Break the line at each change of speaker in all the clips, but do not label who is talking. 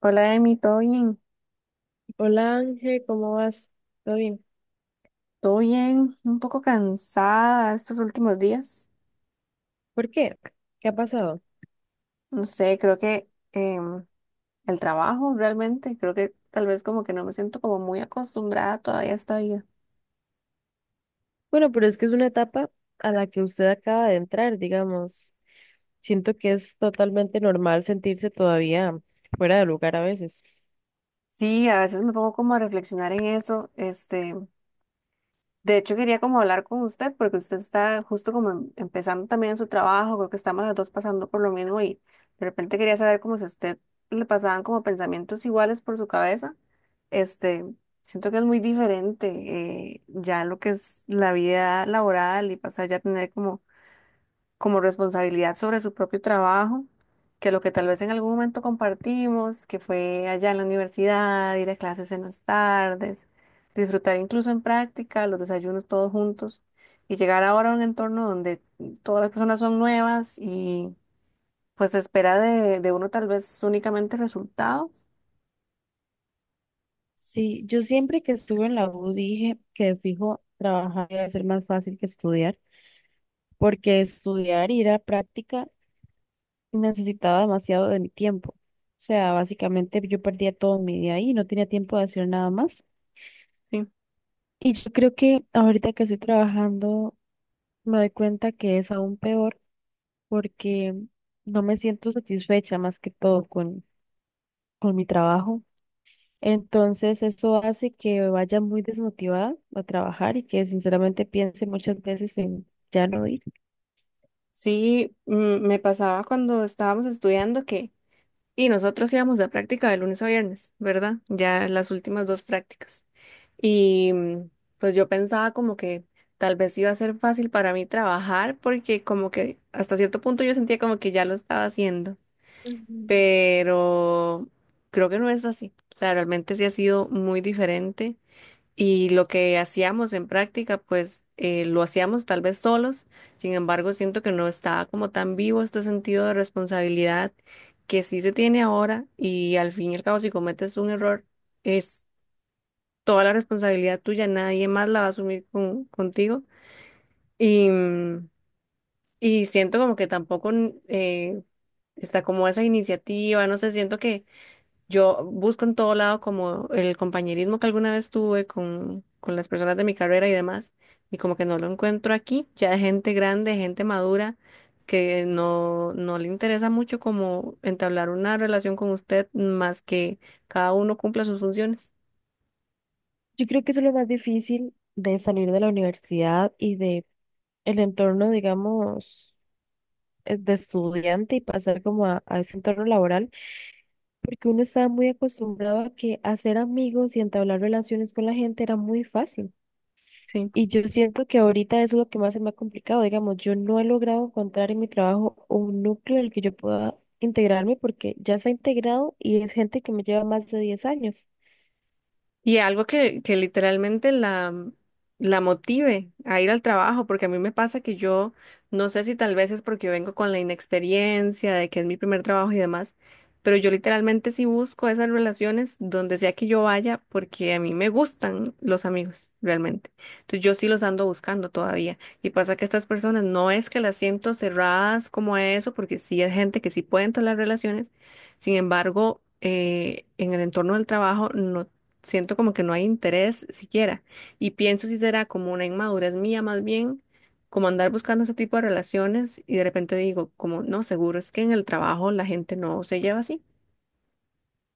Hola, Emi, ¿todo bien?
Hola Ángel, ¿cómo vas? ¿Todo bien?
¿Todo bien? Un poco cansada estos últimos días.
¿Por qué? ¿Qué ha pasado?
No sé, creo que el trabajo realmente, creo que tal vez como que no me siento como muy acostumbrada todavía a esta vida.
Bueno, pero es que es una etapa a la que usted acaba de entrar, digamos. Siento que es totalmente normal sentirse todavía fuera de lugar a veces.
Sí, a veces me pongo como a reflexionar en eso, este. De hecho, quería como hablar con usted porque usted está justo como empezando también su trabajo, creo que estamos las dos pasando por lo mismo y de repente quería saber como si a usted le pasaban como pensamientos iguales por su cabeza. Este, siento que es muy diferente ya lo que es la vida laboral y pasar ya a tener como responsabilidad sobre su propio trabajo, que lo que tal vez en algún momento compartimos, que fue allá en la universidad, ir a clases en las tardes, disfrutar incluso en práctica, los desayunos todos juntos, y llegar ahora a un entorno donde todas las personas son nuevas y pues se espera de uno tal vez únicamente resultado.
Sí, yo siempre que estuve en la U dije que de fijo trabajar iba a ser más fácil que estudiar, porque estudiar y ir a práctica necesitaba demasiado de mi tiempo. O sea, básicamente yo perdía todo mi día ahí y no tenía tiempo de hacer nada más.
Sí,
Y yo creo que ahorita que estoy trabajando me doy cuenta que es aún peor porque no me siento satisfecha más que todo con mi trabajo. Entonces, eso hace que vaya muy desmotivada a trabajar y que sinceramente piense muchas veces en ya no ir.
sí, mm, me pasaba cuando estábamos estudiando que... Y nosotros íbamos a práctica de lunes a viernes, ¿verdad? Ya las últimas dos prácticas. Y pues yo pensaba como que tal vez iba a ser fácil para mí trabajar porque como que hasta cierto punto yo sentía como que ya lo estaba haciendo,
Ujú.
pero creo que no es así. O sea, realmente sí ha sido muy diferente y lo que hacíamos en práctica pues lo hacíamos tal vez solos, sin embargo siento que no estaba como tan vivo este sentido de responsabilidad que sí se tiene ahora y al fin y al cabo si cometes un error toda la responsabilidad tuya, nadie más la va a asumir contigo. Y, mm, y siento como que tampoco está como esa iniciativa, no sé, siento que yo busco en todo lado como el compañerismo que alguna vez tuve con las personas de mi carrera y demás, y como que no lo encuentro aquí, ya gente grande, gente madura, que no, no le interesa mucho como entablar una relación con usted más que cada uno cumpla sus funciones.
Yo creo que eso es lo más difícil de salir de la universidad y de el entorno, digamos, de estudiante y pasar como a ese entorno laboral, porque uno estaba muy acostumbrado a que hacer amigos y entablar relaciones con la gente era muy fácil.
Sí.
Y yo siento que ahorita eso es lo que más se me ha complicado, digamos, yo no he logrado encontrar en mi trabajo un núcleo en el que yo pueda integrarme porque ya está integrado y es gente que me lleva más de 10 años.
Y algo que literalmente la motive a ir al trabajo, porque a mí me pasa que yo no sé si tal vez es porque yo vengo con la inexperiencia de que es mi primer trabajo y demás, pero yo literalmente sí busco esas relaciones donde sea que yo vaya, porque a mí me gustan los amigos, realmente. Entonces yo sí los ando buscando todavía. Y pasa que estas personas no es que las siento cerradas como eso, porque sí es gente que sí pueden tolerar relaciones, sin embargo en el entorno del trabajo no siento como que no hay interés siquiera. Y pienso si será como una inmadurez mía más bien, como andar buscando ese tipo de relaciones y de repente digo, como no, seguro es que en el trabajo la gente no se lleva así.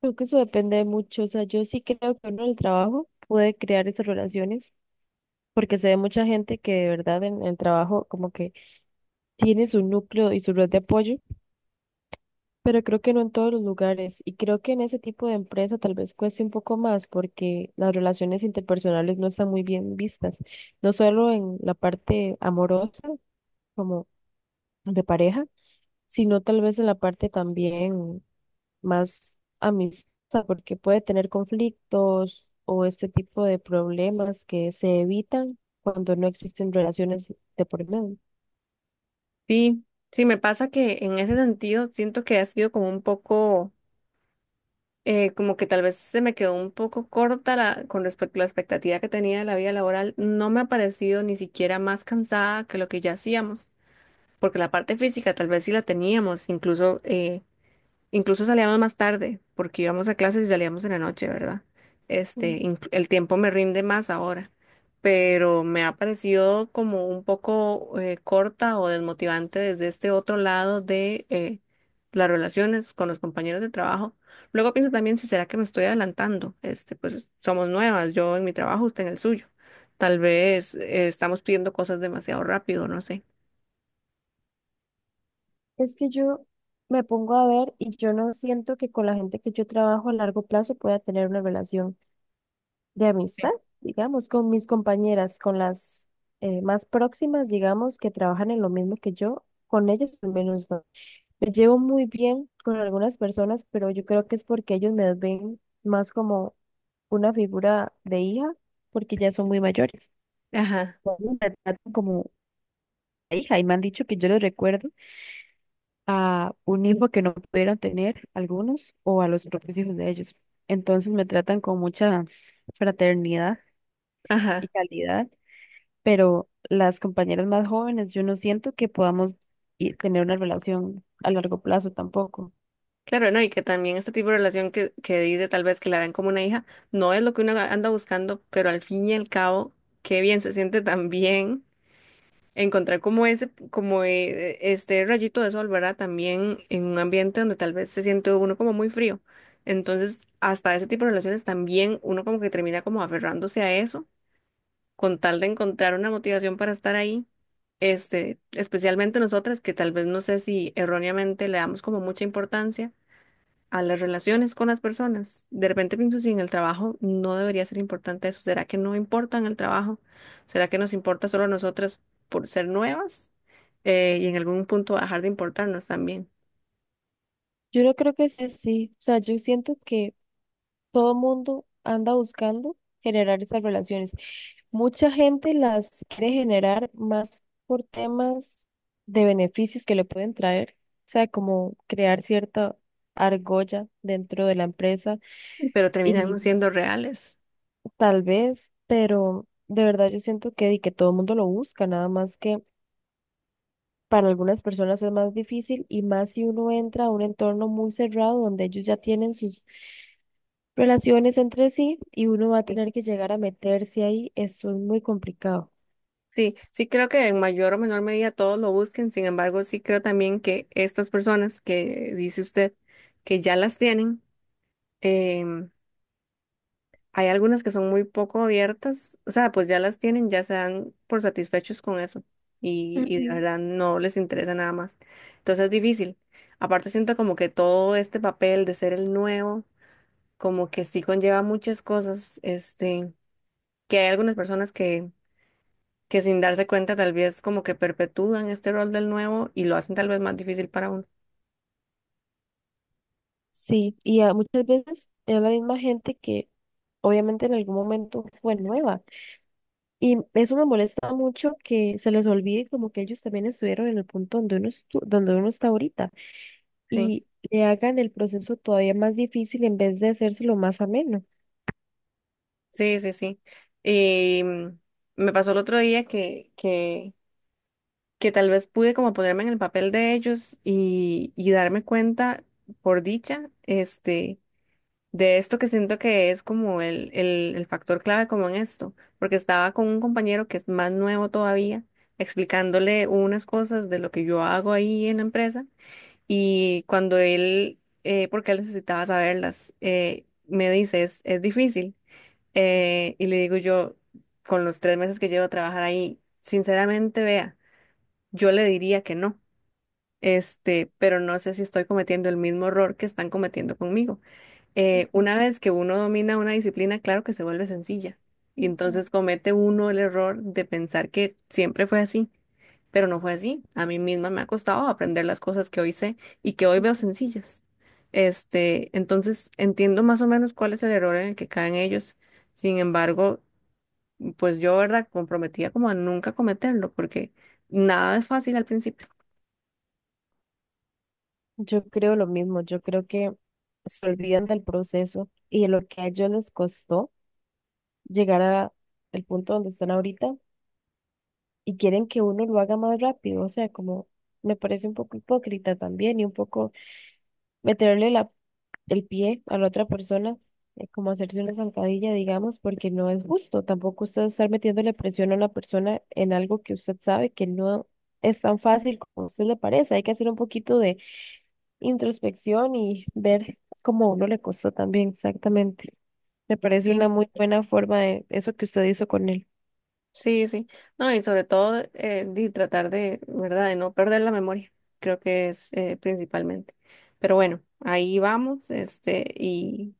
Creo que eso depende mucho, o sea, yo sí creo que uno en el trabajo puede crear esas relaciones porque se ve mucha gente que de verdad en el trabajo como que tiene su núcleo y su red de apoyo, pero creo que no en todos los lugares. Y creo que en ese tipo de empresa tal vez cueste un poco más porque las relaciones interpersonales no están muy bien vistas, no solo en la parte amorosa, como de pareja, sino tal vez en la parte también más amistosa, porque puede tener conflictos o este tipo de problemas que se evitan cuando no existen relaciones de por medio.
Sí, sí, me pasa que en ese sentido siento que ha sido como un poco, como que tal vez se me quedó un poco corta la, con respecto a la expectativa que tenía de la vida laboral. No me ha parecido ni siquiera más cansada que lo que ya hacíamos, porque la parte física tal vez sí la teníamos, incluso incluso salíamos más tarde, porque íbamos a clases y salíamos en la noche, ¿verdad? Este, el tiempo me rinde más ahora, pero me ha parecido como un poco corta o desmotivante desde este otro lado de las relaciones con los compañeros de trabajo. Luego pienso también si será que me estoy adelantando. Este, pues somos nuevas, yo en mi trabajo, usted en el suyo. Tal vez estamos pidiendo cosas demasiado rápido, no sé.
Es que yo me pongo a ver y yo no siento que con la gente que yo trabajo a largo plazo pueda tener una relación de amistad, digamos, con mis compañeras, con las más próximas, digamos, que trabajan en lo mismo que yo, con ellas al menos no. Me llevo muy bien con algunas personas, pero yo creo que es porque ellos me ven más como una figura de hija, porque ya son muy mayores.
Ajá,
Ellos me tratan como hija y me han dicho que yo les recuerdo a un hijo que no pudieron tener algunos o a los propios hijos de ellos. Entonces me tratan con mucha fraternidad y
ajá.
calidad, pero las compañeras más jóvenes, yo no siento que podamos tener una relación a largo plazo tampoco.
Claro, no, y que también este tipo de relación que dice tal vez que la ven como una hija, no es lo que uno anda buscando, pero al fin y al cabo, qué bien se siente también encontrar como ese, como este rayito de sol, ¿verdad? También en un ambiente donde tal vez se siente uno como muy frío. Entonces, hasta ese tipo de relaciones también uno como que termina como aferrándose a eso, con tal de encontrar una motivación para estar ahí. Este, especialmente nosotras que tal vez no sé si erróneamente le damos como mucha importancia a las relaciones con las personas. De repente pienso si en el trabajo no debería ser importante eso. ¿Será que no importa en el trabajo? ¿Será que nos importa solo a nosotras por ser nuevas? Y en algún punto dejar de importarnos también.
Yo no creo que sea así. O sea, yo siento que todo mundo anda buscando generar esas relaciones. Mucha gente las quiere generar más por temas de beneficios que le pueden traer, o sea, como crear cierta argolla dentro de la empresa
Pero
y
terminamos siendo reales.
tal vez, pero de verdad yo siento que, di que todo el mundo lo busca, nada más que para algunas personas es más difícil y más si uno entra a un entorno muy cerrado donde ellos ya tienen sus relaciones entre sí y uno va a
Sí,
tener que llegar a meterse ahí. Eso es muy complicado.
sí, sí creo que en mayor o menor medida todos lo busquen. Sin embargo, sí creo también que estas personas que dice usted que ya las tienen, em, hay algunas que son muy poco abiertas, o sea, pues ya las tienen, ya se dan por satisfechos con eso y de
Ujú.
verdad no les interesa nada más. Entonces es difícil. Aparte siento como que todo este papel de ser el nuevo, como que sí conlleva muchas cosas, este, que hay algunas personas que sin darse cuenta tal vez como que perpetúan este rol del nuevo y lo hacen tal vez más difícil para uno.
Sí, y muchas veces es la misma gente que obviamente en algún momento fue nueva. Y eso me molesta mucho que se les olvide como que ellos también estuvieron en el punto donde uno, donde uno está ahorita,
Sí,
y le hagan el proceso todavía más difícil en vez de hacérselo más ameno.
sí, sí, sí. Y mm, me pasó el otro día que, que tal vez pude como ponerme en el papel de ellos y darme cuenta, por dicha, este, de esto que siento que es como el factor clave como en esto, porque estaba con un compañero que es más nuevo todavía, explicándole unas cosas de lo que yo hago ahí en la empresa y cuando él, porque él necesitaba saberlas, me dice, es difícil, y le digo yo, con los 3 meses que llevo a trabajar ahí, sinceramente, vea, yo le diría que no, este, pero no sé si estoy cometiendo el mismo error que están cometiendo conmigo. Eh,
Ujú,
una vez que uno domina una disciplina, claro que se vuelve sencilla. Y
ujú,
entonces comete uno el error de pensar que siempre fue así, pero no fue así. A mí misma me ha costado aprender las cosas que hoy sé y que hoy
ujú.
veo sencillas. Este, entonces entiendo más o menos cuál es el error en el que caen ellos. Sin embargo, pues yo, ¿verdad? Comprometía como a nunca cometerlo, porque nada es fácil al principio.
Yo creo lo mismo, yo creo que se olvidan del proceso y de lo que a ellos les costó llegar a el punto donde están ahorita y quieren que uno lo haga más rápido, o sea, como me parece un poco hipócrita también y un poco meterle la el pie a la otra persona, como hacerse una zancadilla, digamos, porque no es justo. Tampoco usted estar metiéndole presión a una persona en algo que usted sabe que no es tan fácil como a usted le parece. Hay que hacer un poquito de introspección y ver cómo a uno le costó también, exactamente. Me parece
Sí.
una muy buena forma de eso que usted hizo con él.
Sí, sí. No, y sobre todo de tratar de, ¿verdad? De no perder la memoria. Creo que es principalmente. Pero bueno, ahí vamos, este,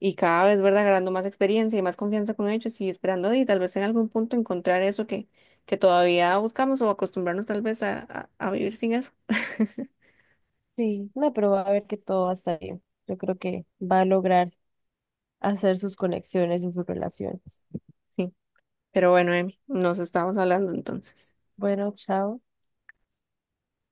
y cada vez, ¿verdad? Ganando más experiencia y más confianza con ellos y esperando y tal vez en algún punto encontrar eso que todavía buscamos o acostumbrarnos tal vez a vivir sin eso.
Sí, no, pero va a ver que todo va a estar bien. Yo creo que va a lograr hacer sus conexiones en sus relaciones.
Sí. Pero bueno, Emi, nos estamos hablando entonces.
Bueno, chao.